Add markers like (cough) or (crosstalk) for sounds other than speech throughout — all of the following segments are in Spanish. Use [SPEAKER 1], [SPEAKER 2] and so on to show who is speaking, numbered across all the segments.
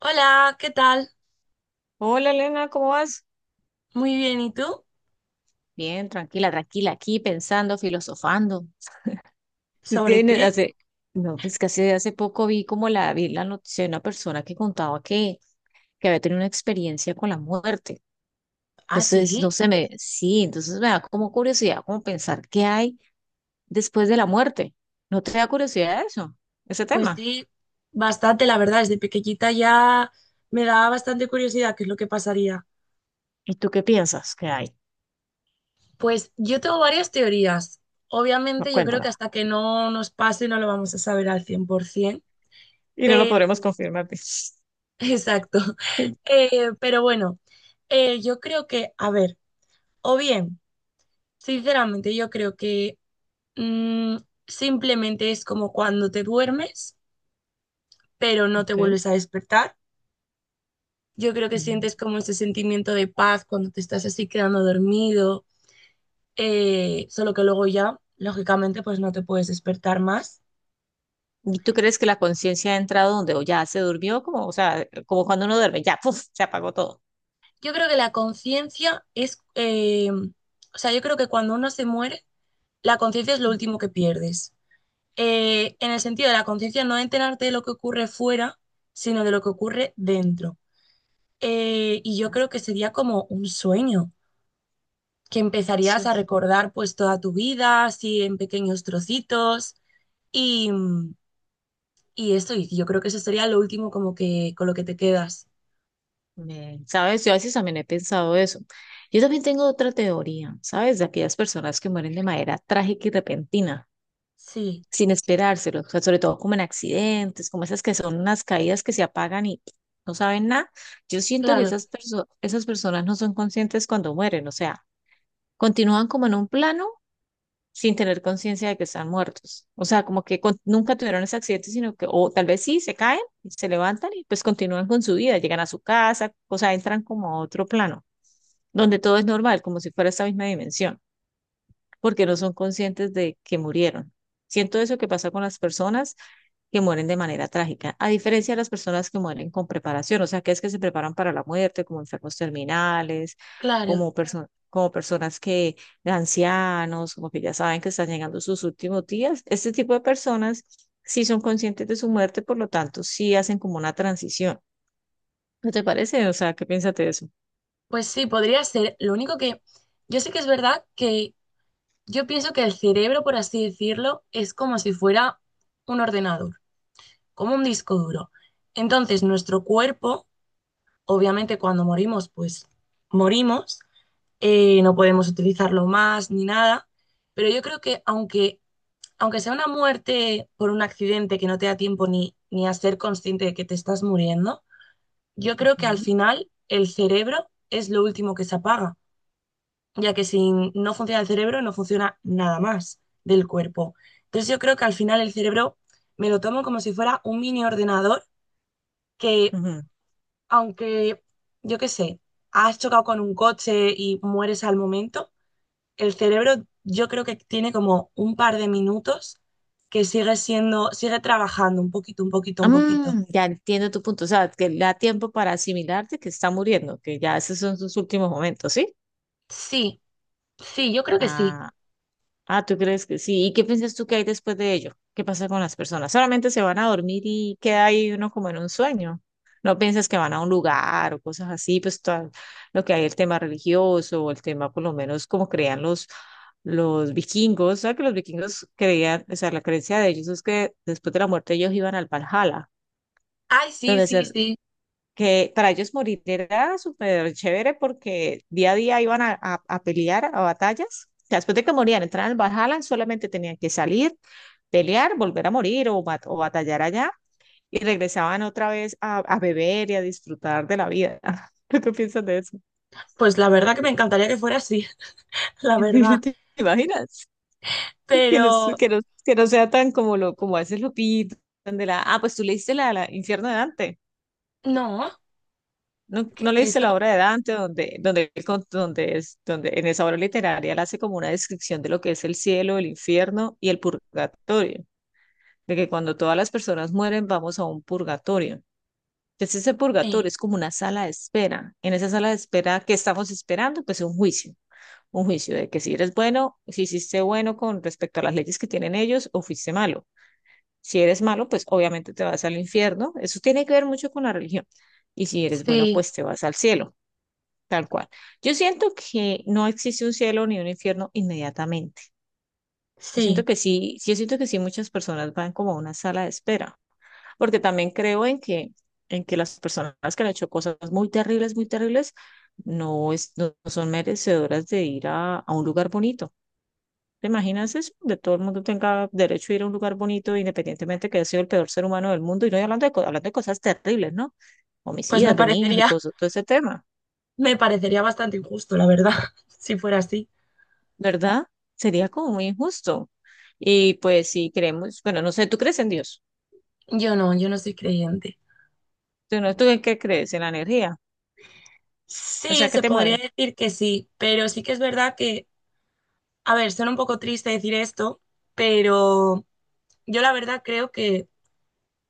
[SPEAKER 1] Hola, ¿qué tal?
[SPEAKER 2] Hola Elena, ¿cómo vas?
[SPEAKER 1] Muy bien, ¿y tú?
[SPEAKER 2] Bien, tranquila, tranquila, aquí pensando, filosofando.
[SPEAKER 1] ¿Sobre qué?
[SPEAKER 2] Hace, no, es que hace, hace poco vi como vi la noticia de una persona que contaba que había tenido una experiencia con la muerte.
[SPEAKER 1] Ah,
[SPEAKER 2] Entonces,
[SPEAKER 1] sí,
[SPEAKER 2] no sé, sí, entonces me da como curiosidad, como pensar qué hay después de la muerte. ¿No te da curiosidad eso, ese
[SPEAKER 1] pues
[SPEAKER 2] tema?
[SPEAKER 1] sí, bastante, la verdad, desde pequeñita ya me daba bastante curiosidad qué es lo que pasaría.
[SPEAKER 2] ¿Y tú qué piensas que hay?
[SPEAKER 1] Pues yo tengo varias teorías.
[SPEAKER 2] No,
[SPEAKER 1] Obviamente yo creo
[SPEAKER 2] cuéntame.
[SPEAKER 1] que hasta que no nos pase no lo vamos a saber al 100%,
[SPEAKER 2] Y no lo
[SPEAKER 1] pero...
[SPEAKER 2] podremos
[SPEAKER 1] (laughs)
[SPEAKER 2] confirmar.
[SPEAKER 1] Exacto.
[SPEAKER 2] (laughs)
[SPEAKER 1] Pero bueno, yo creo que, a ver, o bien, sinceramente yo creo que mm, simplemente es como cuando te duermes, pero no te
[SPEAKER 2] Okay.
[SPEAKER 1] vuelves a despertar. Yo creo que sientes como ese sentimiento de paz cuando te estás así quedando dormido, solo que luego ya, lógicamente, pues no te puedes despertar más.
[SPEAKER 2] ¿Y tú crees que la conciencia ha entrado donde o ya se durmió? Como, o sea, como cuando uno duerme, ya, ¡puf!, se apagó todo.
[SPEAKER 1] Yo creo que la conciencia es, o sea, yo creo que cuando uno se muere, la conciencia es lo
[SPEAKER 2] Ujú.
[SPEAKER 1] último que pierdes. En el sentido de la conciencia no enterarte de lo que ocurre fuera, sino de lo que ocurre dentro. Y yo creo que sería como un sueño, que empezarías
[SPEAKER 2] Soy,
[SPEAKER 1] a recordar pues toda tu vida, así en pequeños trocitos y, y eso, y yo creo que eso sería lo último como que con lo que te quedas.
[SPEAKER 2] ¿Sabes? Yo a veces también he pensado eso. Yo también tengo otra teoría, ¿sabes? De aquellas personas que mueren de manera trágica y repentina,
[SPEAKER 1] Sí,
[SPEAKER 2] sin esperárselo, o sea, sobre todo como en accidentes, como esas que son unas caídas que se apagan y no saben nada. Yo siento que
[SPEAKER 1] claro,
[SPEAKER 2] esas personas no son conscientes cuando mueren, o sea, continúan como en un plano sin tener conciencia de que están muertos. O sea, como que nunca tuvieron ese accidente, sino que, o tal vez sí, se caen, y se levantan y pues continúan con su vida, llegan a su casa, o sea, entran como a otro plano, donde todo es normal, como si fuera esta misma dimensión, porque no son conscientes de que murieron. Siento eso que pasa con las personas que mueren de manera trágica, a diferencia de las personas que mueren con preparación, o sea, que es que se preparan para la muerte, como enfermos terminales,
[SPEAKER 1] claro.
[SPEAKER 2] como personas de ancianos, como que ya saben que están llegando sus últimos días. Este tipo de personas sí son conscientes de su muerte, por lo tanto, sí hacen como una transición. ¿No te parece? O sea, ¿qué piensas de eso?
[SPEAKER 1] Pues sí, podría ser. Lo único que yo sé que es verdad que yo pienso que el cerebro, por así decirlo, es como si fuera un ordenador, como un disco duro. Entonces, nuestro cuerpo, obviamente cuando morimos, pues morimos, no podemos utilizarlo más ni nada, pero yo creo que aunque, aunque sea una muerte por un accidente que no te da tiempo ni, ni a ser consciente de que te estás muriendo, yo creo que al
[SPEAKER 2] Ujú,
[SPEAKER 1] final el cerebro es lo último que se apaga, ya que si no funciona el cerebro no funciona nada más del cuerpo. Entonces yo creo que al final el cerebro me lo tomo como si fuera un mini ordenador que
[SPEAKER 2] ujú.
[SPEAKER 1] aunque, yo qué sé, has chocado con un coche y mueres al momento, el cerebro yo creo que tiene como un par de minutos que sigue siendo, sigue trabajando un poquito, un poquito, un poquito.
[SPEAKER 2] Mm, ya entiendo tu punto, o sea, que le da tiempo para asimilarte que está muriendo, que ya esos son sus últimos momentos, ¿sí?
[SPEAKER 1] Sí, sí, yo creo que sí.
[SPEAKER 2] Ah. Ah, ¿tú crees que sí? ¿Y qué piensas tú que hay después de ello? ¿Qué pasa con las personas? ¿Solamente se van a dormir y queda ahí uno como en un sueño? ¿No piensas que van a un lugar o cosas así? Pues todo lo que hay, el tema religioso, o el tema por lo menos como creían los vikingos. O sea, que los vikingos creían, o sea, la creencia de ellos es que después de la muerte ellos iban al Valhalla,
[SPEAKER 1] Ay, sí,
[SPEAKER 2] donde
[SPEAKER 1] sí,
[SPEAKER 2] se
[SPEAKER 1] sí.
[SPEAKER 2] que para ellos morir era súper chévere porque día a día iban a pelear a batallas. O sea, después de que morían, entraban al Valhalla, solamente tenían que salir, pelear, volver a morir o batallar allá y regresaban otra vez a beber y a disfrutar de la vida. (laughs) ¿Tú qué piensas de eso?
[SPEAKER 1] Pues la verdad que me encantaría que fuera así, (laughs) la verdad.
[SPEAKER 2] (laughs) ¿Te imaginas?
[SPEAKER 1] Pero
[SPEAKER 2] Que no sea tan como lo como a veces lo pintan de ah, pues tú leíste la Infierno de Dante.
[SPEAKER 1] no,
[SPEAKER 2] ¿No,
[SPEAKER 1] ¿qué es
[SPEAKER 2] no leíste
[SPEAKER 1] eso?
[SPEAKER 2] la obra de Dante, él donde en esa obra literaria él hace como una descripción de lo que es el cielo, el infierno y el purgatorio? De que cuando todas las personas mueren vamos a un purgatorio. Entonces ese purgatorio
[SPEAKER 1] Sí,
[SPEAKER 2] es como una sala de espera. En esa sala de espera, ¿qué estamos esperando? Pues un juicio. Un juicio de que si eres bueno, si hiciste bueno con respecto a las leyes que tienen ellos o fuiste malo. Si eres malo, pues obviamente te vas al infierno. Eso tiene que ver mucho con la religión. Y si eres bueno,
[SPEAKER 1] sí,
[SPEAKER 2] pues te vas al cielo. Tal cual. Yo siento que no existe un cielo ni un infierno inmediatamente. Yo siento
[SPEAKER 1] sí.
[SPEAKER 2] que sí, sí, yo siento que sí, muchas personas van como a una sala de espera, porque también creo en en que las personas que han hecho cosas muy terribles, no, es, no son merecedoras de ir a un lugar bonito. ¿Te imaginas eso? De todo el mundo tenga derecho a ir a un lugar bonito, independientemente que haya sido el peor ser humano del mundo, y no hablando de, hablando de cosas terribles, ¿no?
[SPEAKER 1] Pues
[SPEAKER 2] Homicidas de niños y cosas, todo ese tema.
[SPEAKER 1] me parecería bastante injusto, la verdad, (laughs) si fuera así.
[SPEAKER 2] ¿Verdad? Sería como muy injusto. Y pues si creemos, bueno, no sé, ¿tú crees en Dios?
[SPEAKER 1] Yo no, yo no soy creyente.
[SPEAKER 2] ¿Tú, no, tú en qué crees? ¿En la energía? O sea,
[SPEAKER 1] Sí,
[SPEAKER 2] ¿qué
[SPEAKER 1] se
[SPEAKER 2] te
[SPEAKER 1] podría
[SPEAKER 2] mueve?
[SPEAKER 1] decir que sí, pero sí que es verdad que a ver, suena un poco triste decir esto, pero yo la verdad creo que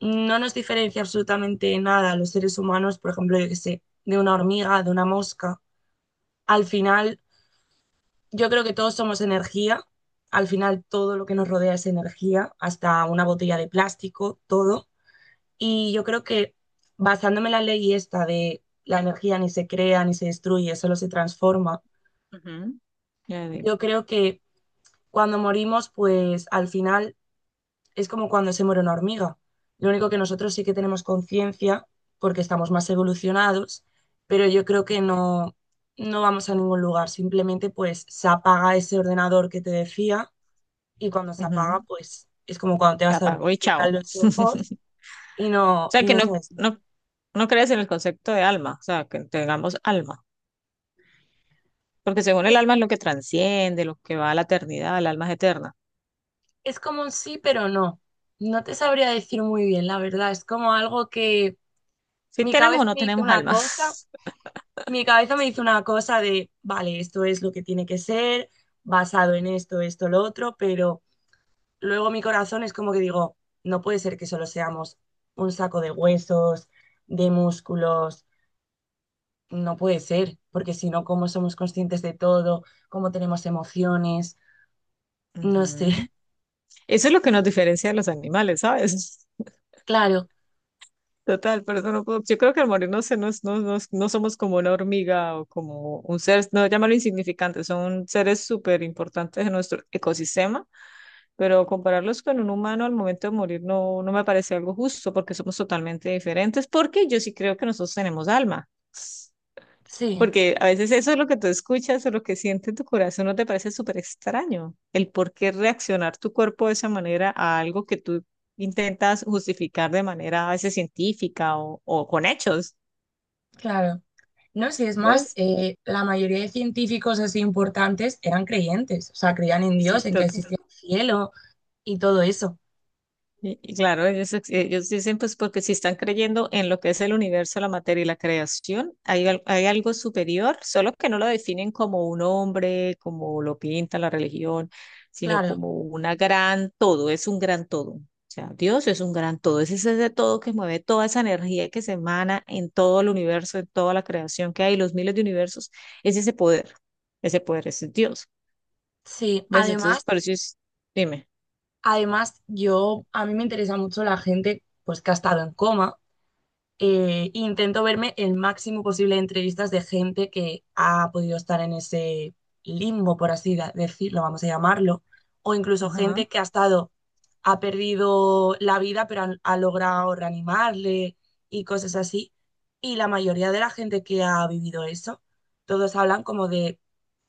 [SPEAKER 1] no nos diferencia absolutamente nada a los seres humanos, por ejemplo, yo qué sé, de una hormiga, de una mosca. Al final, yo creo que todos somos energía. Al final, todo lo que nos rodea es energía, hasta una botella de plástico, todo. Y yo creo que basándome en la ley esta de la energía ni se crea ni se destruye, solo se transforma,
[SPEAKER 2] Ujú. Ya digo,
[SPEAKER 1] yo creo que cuando morimos, pues al final es como cuando se muere una hormiga. Lo único que nosotros sí que tenemos conciencia porque estamos más evolucionados, pero yo creo que
[SPEAKER 2] ok.
[SPEAKER 1] no, no vamos a ningún lugar. Simplemente pues se apaga ese ordenador que te decía y cuando se apaga
[SPEAKER 2] Ujú.
[SPEAKER 1] pues es como cuando te
[SPEAKER 2] Se
[SPEAKER 1] vas a
[SPEAKER 2] apagó
[SPEAKER 1] dormir,
[SPEAKER 2] y chao.
[SPEAKER 1] cierras los ojos
[SPEAKER 2] (laughs) O sea,
[SPEAKER 1] y
[SPEAKER 2] que
[SPEAKER 1] no
[SPEAKER 2] no,
[SPEAKER 1] sabes nada.
[SPEAKER 2] no, no crees en el concepto de alma, o sea, que tengamos alma. Porque según el
[SPEAKER 1] Es,
[SPEAKER 2] alma es lo que transciende, lo que va a la eternidad, el alma es eterna.
[SPEAKER 1] es como un sí, pero no. No te sabría decir muy bien, la verdad. Es como algo que
[SPEAKER 2] Si
[SPEAKER 1] mi
[SPEAKER 2] tenemos o
[SPEAKER 1] cabeza
[SPEAKER 2] no
[SPEAKER 1] me dice
[SPEAKER 2] tenemos
[SPEAKER 1] una
[SPEAKER 2] alma.
[SPEAKER 1] cosa, mi cabeza me hizo una cosa de, vale, esto es lo que tiene que ser, basado en esto, esto, lo otro, pero luego mi corazón es como que digo, no puede ser que solo seamos un saco de huesos, de músculos, no puede ser, porque si no, ¿cómo somos conscientes de todo? ¿Cómo tenemos emociones?
[SPEAKER 2] (laughs)
[SPEAKER 1] No sé,
[SPEAKER 2] Ujú. Eso es lo que nos diferencia de los animales, ¿sabes?
[SPEAKER 1] (laughs) claro,
[SPEAKER 2] Total, pero eso no puedo- yo creo que al morirnos se nos, no, no somos como una hormiga o como un ser, no llamarlo insignificante, son seres súper importantes en nuestro ecosistema, pero compararlos con un humano al momento de morir no, no me parece algo justo porque somos totalmente diferentes, porque yo sí creo que nosotros tenemos alma.
[SPEAKER 1] sí,
[SPEAKER 2] Porque a veces eso es lo que tú escuchas o lo que siente tu corazón, no te parece súper extraño. El por qué reaccionar tu cuerpo de esa manera a algo que tú intentas justificar de manera a veces científica o con hechos.
[SPEAKER 1] claro. No sé, es más,
[SPEAKER 2] ¿Ves?
[SPEAKER 1] la mayoría de científicos así importantes eran creyentes, o sea, creían en
[SPEAKER 2] Sí.
[SPEAKER 1] Dios, en que existía un cielo y todo eso.
[SPEAKER 2] Y claro, ellos, ellos dicen, pues porque si están creyendo en lo que es el universo, la materia y la creación, hay, hay algo superior, solo que no lo definen como un hombre, como lo pinta la religión, sino
[SPEAKER 1] Claro.
[SPEAKER 2] como una gran todo, es un gran todo. O sea, Dios es un gran todo, es ese todo que mueve toda esa energía que se emana en todo el universo, en toda la creación que hay, los miles de universos, es ese poder es Dios.
[SPEAKER 1] Sí,
[SPEAKER 2] ¿Ves? Entonces,
[SPEAKER 1] además,
[SPEAKER 2] por dime.
[SPEAKER 1] además yo, a mí me interesa mucho la gente pues que ha estado en coma. Intento verme el máximo posible de entrevistas de gente que ha podido estar en ese limbo, por así decirlo, vamos a llamarlo, o incluso
[SPEAKER 2] Ajá.
[SPEAKER 1] gente que ha estado, ha perdido la vida, pero ha logrado reanimarle y cosas así. Y la mayoría de la gente que ha vivido eso, todos hablan como de,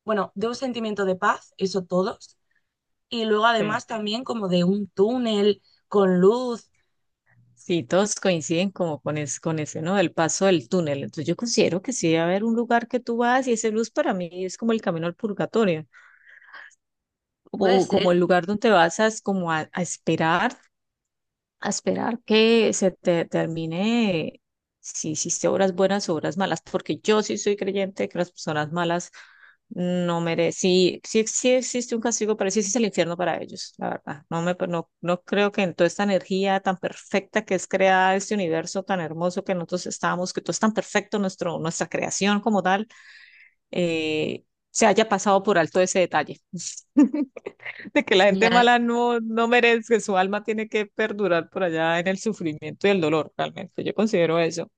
[SPEAKER 1] bueno, de un sentimiento de paz, eso todos, y luego
[SPEAKER 2] Sí.
[SPEAKER 1] además también como de un túnel con luz.
[SPEAKER 2] Sí, todos coinciden como con, es, con ese, ¿no? El paso del túnel. Entonces yo considero que sí debe haber un lugar que tú vas y ese luz para mí es como el camino al purgatorio
[SPEAKER 1] Puede
[SPEAKER 2] o como
[SPEAKER 1] ser.
[SPEAKER 2] el lugar donde vas a, es como a esperar que se te termine si hiciste obras buenas o obras malas, porque yo sí soy creyente de que las personas malas no merecen, sí, sí, sí existe un castigo, pero sí existe el infierno para ellos, la verdad. No me, no, no creo que en toda esta energía tan perfecta que es creada este universo tan hermoso que nosotros estamos, que todo es tan perfecto, nuestra creación como tal, eh, se haya pasado por alto ese detalle. (laughs) de que la gente
[SPEAKER 1] Ya,
[SPEAKER 2] mala no, no merece, su alma tiene que perdurar por allá en el sufrimiento y el dolor, realmente. Yo considero eso.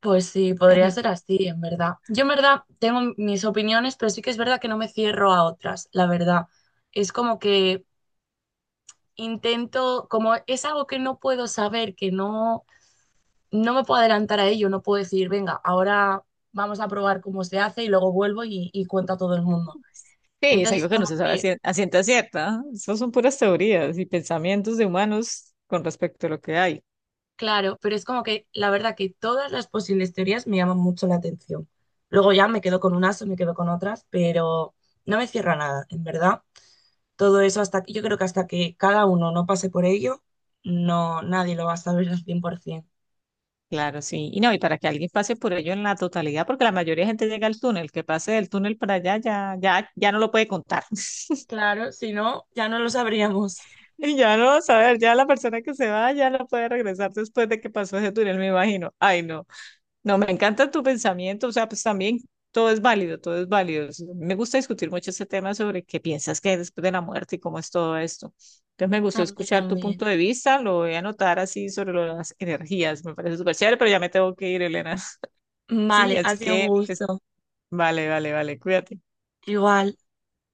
[SPEAKER 1] pues sí, podría ser
[SPEAKER 2] (laughs)
[SPEAKER 1] así, en verdad. Yo en verdad tengo mis opiniones, pero sí que es verdad que no me cierro a otras, la verdad. Es como que intento, como es algo que no puedo saber, que no, no me puedo adelantar a ello, no puedo decir, venga, ahora vamos a probar cómo se hace y luego vuelvo y cuento a todo el mundo.
[SPEAKER 2] Sí, es
[SPEAKER 1] Entonces,
[SPEAKER 2] algo que no
[SPEAKER 1] como
[SPEAKER 2] se sabe a
[SPEAKER 1] que
[SPEAKER 2] a ciencia cierta. ¿Eh? Esas son puras teorías y pensamientos de humanos con respecto a lo que hay.
[SPEAKER 1] claro, pero es como que la verdad que todas las posibles teorías me llaman mucho la atención. Luego ya me quedo con unas o me quedo con otras, pero no me cierra nada, en verdad. Todo eso hasta yo creo que hasta que cada uno no pase por ello, no nadie lo va a saber al 100%.
[SPEAKER 2] Claro, sí. Y no, y para que alguien pase por ello en la totalidad, porque la mayoría de gente llega al túnel, que pase del túnel para allá ya, ya no lo puede contar. (laughs)
[SPEAKER 1] Claro, si no, ya no lo sabríamos.
[SPEAKER 2] Y ya no, a ver, ya la persona que se va ya no puede regresar después de que pasó ese túnel, me imagino. Ay, no. No, me encanta tu pensamiento, o sea, pues también todo es válido, todo es válido. Me gusta discutir mucho ese tema sobre qué piensas que hay después de la muerte y cómo es todo esto. Entonces me gustó
[SPEAKER 1] A mí
[SPEAKER 2] escuchar tu
[SPEAKER 1] también.
[SPEAKER 2] punto de vista, lo voy a anotar así sobre lo de las energías, me parece súper chévere, pero ya me tengo que ir, Elena. (laughs) Sí,
[SPEAKER 1] Vale, ha
[SPEAKER 2] así
[SPEAKER 1] sido un
[SPEAKER 2] que, pues,
[SPEAKER 1] gusto.
[SPEAKER 2] vale, vale, vale, cuídate.
[SPEAKER 1] Igual.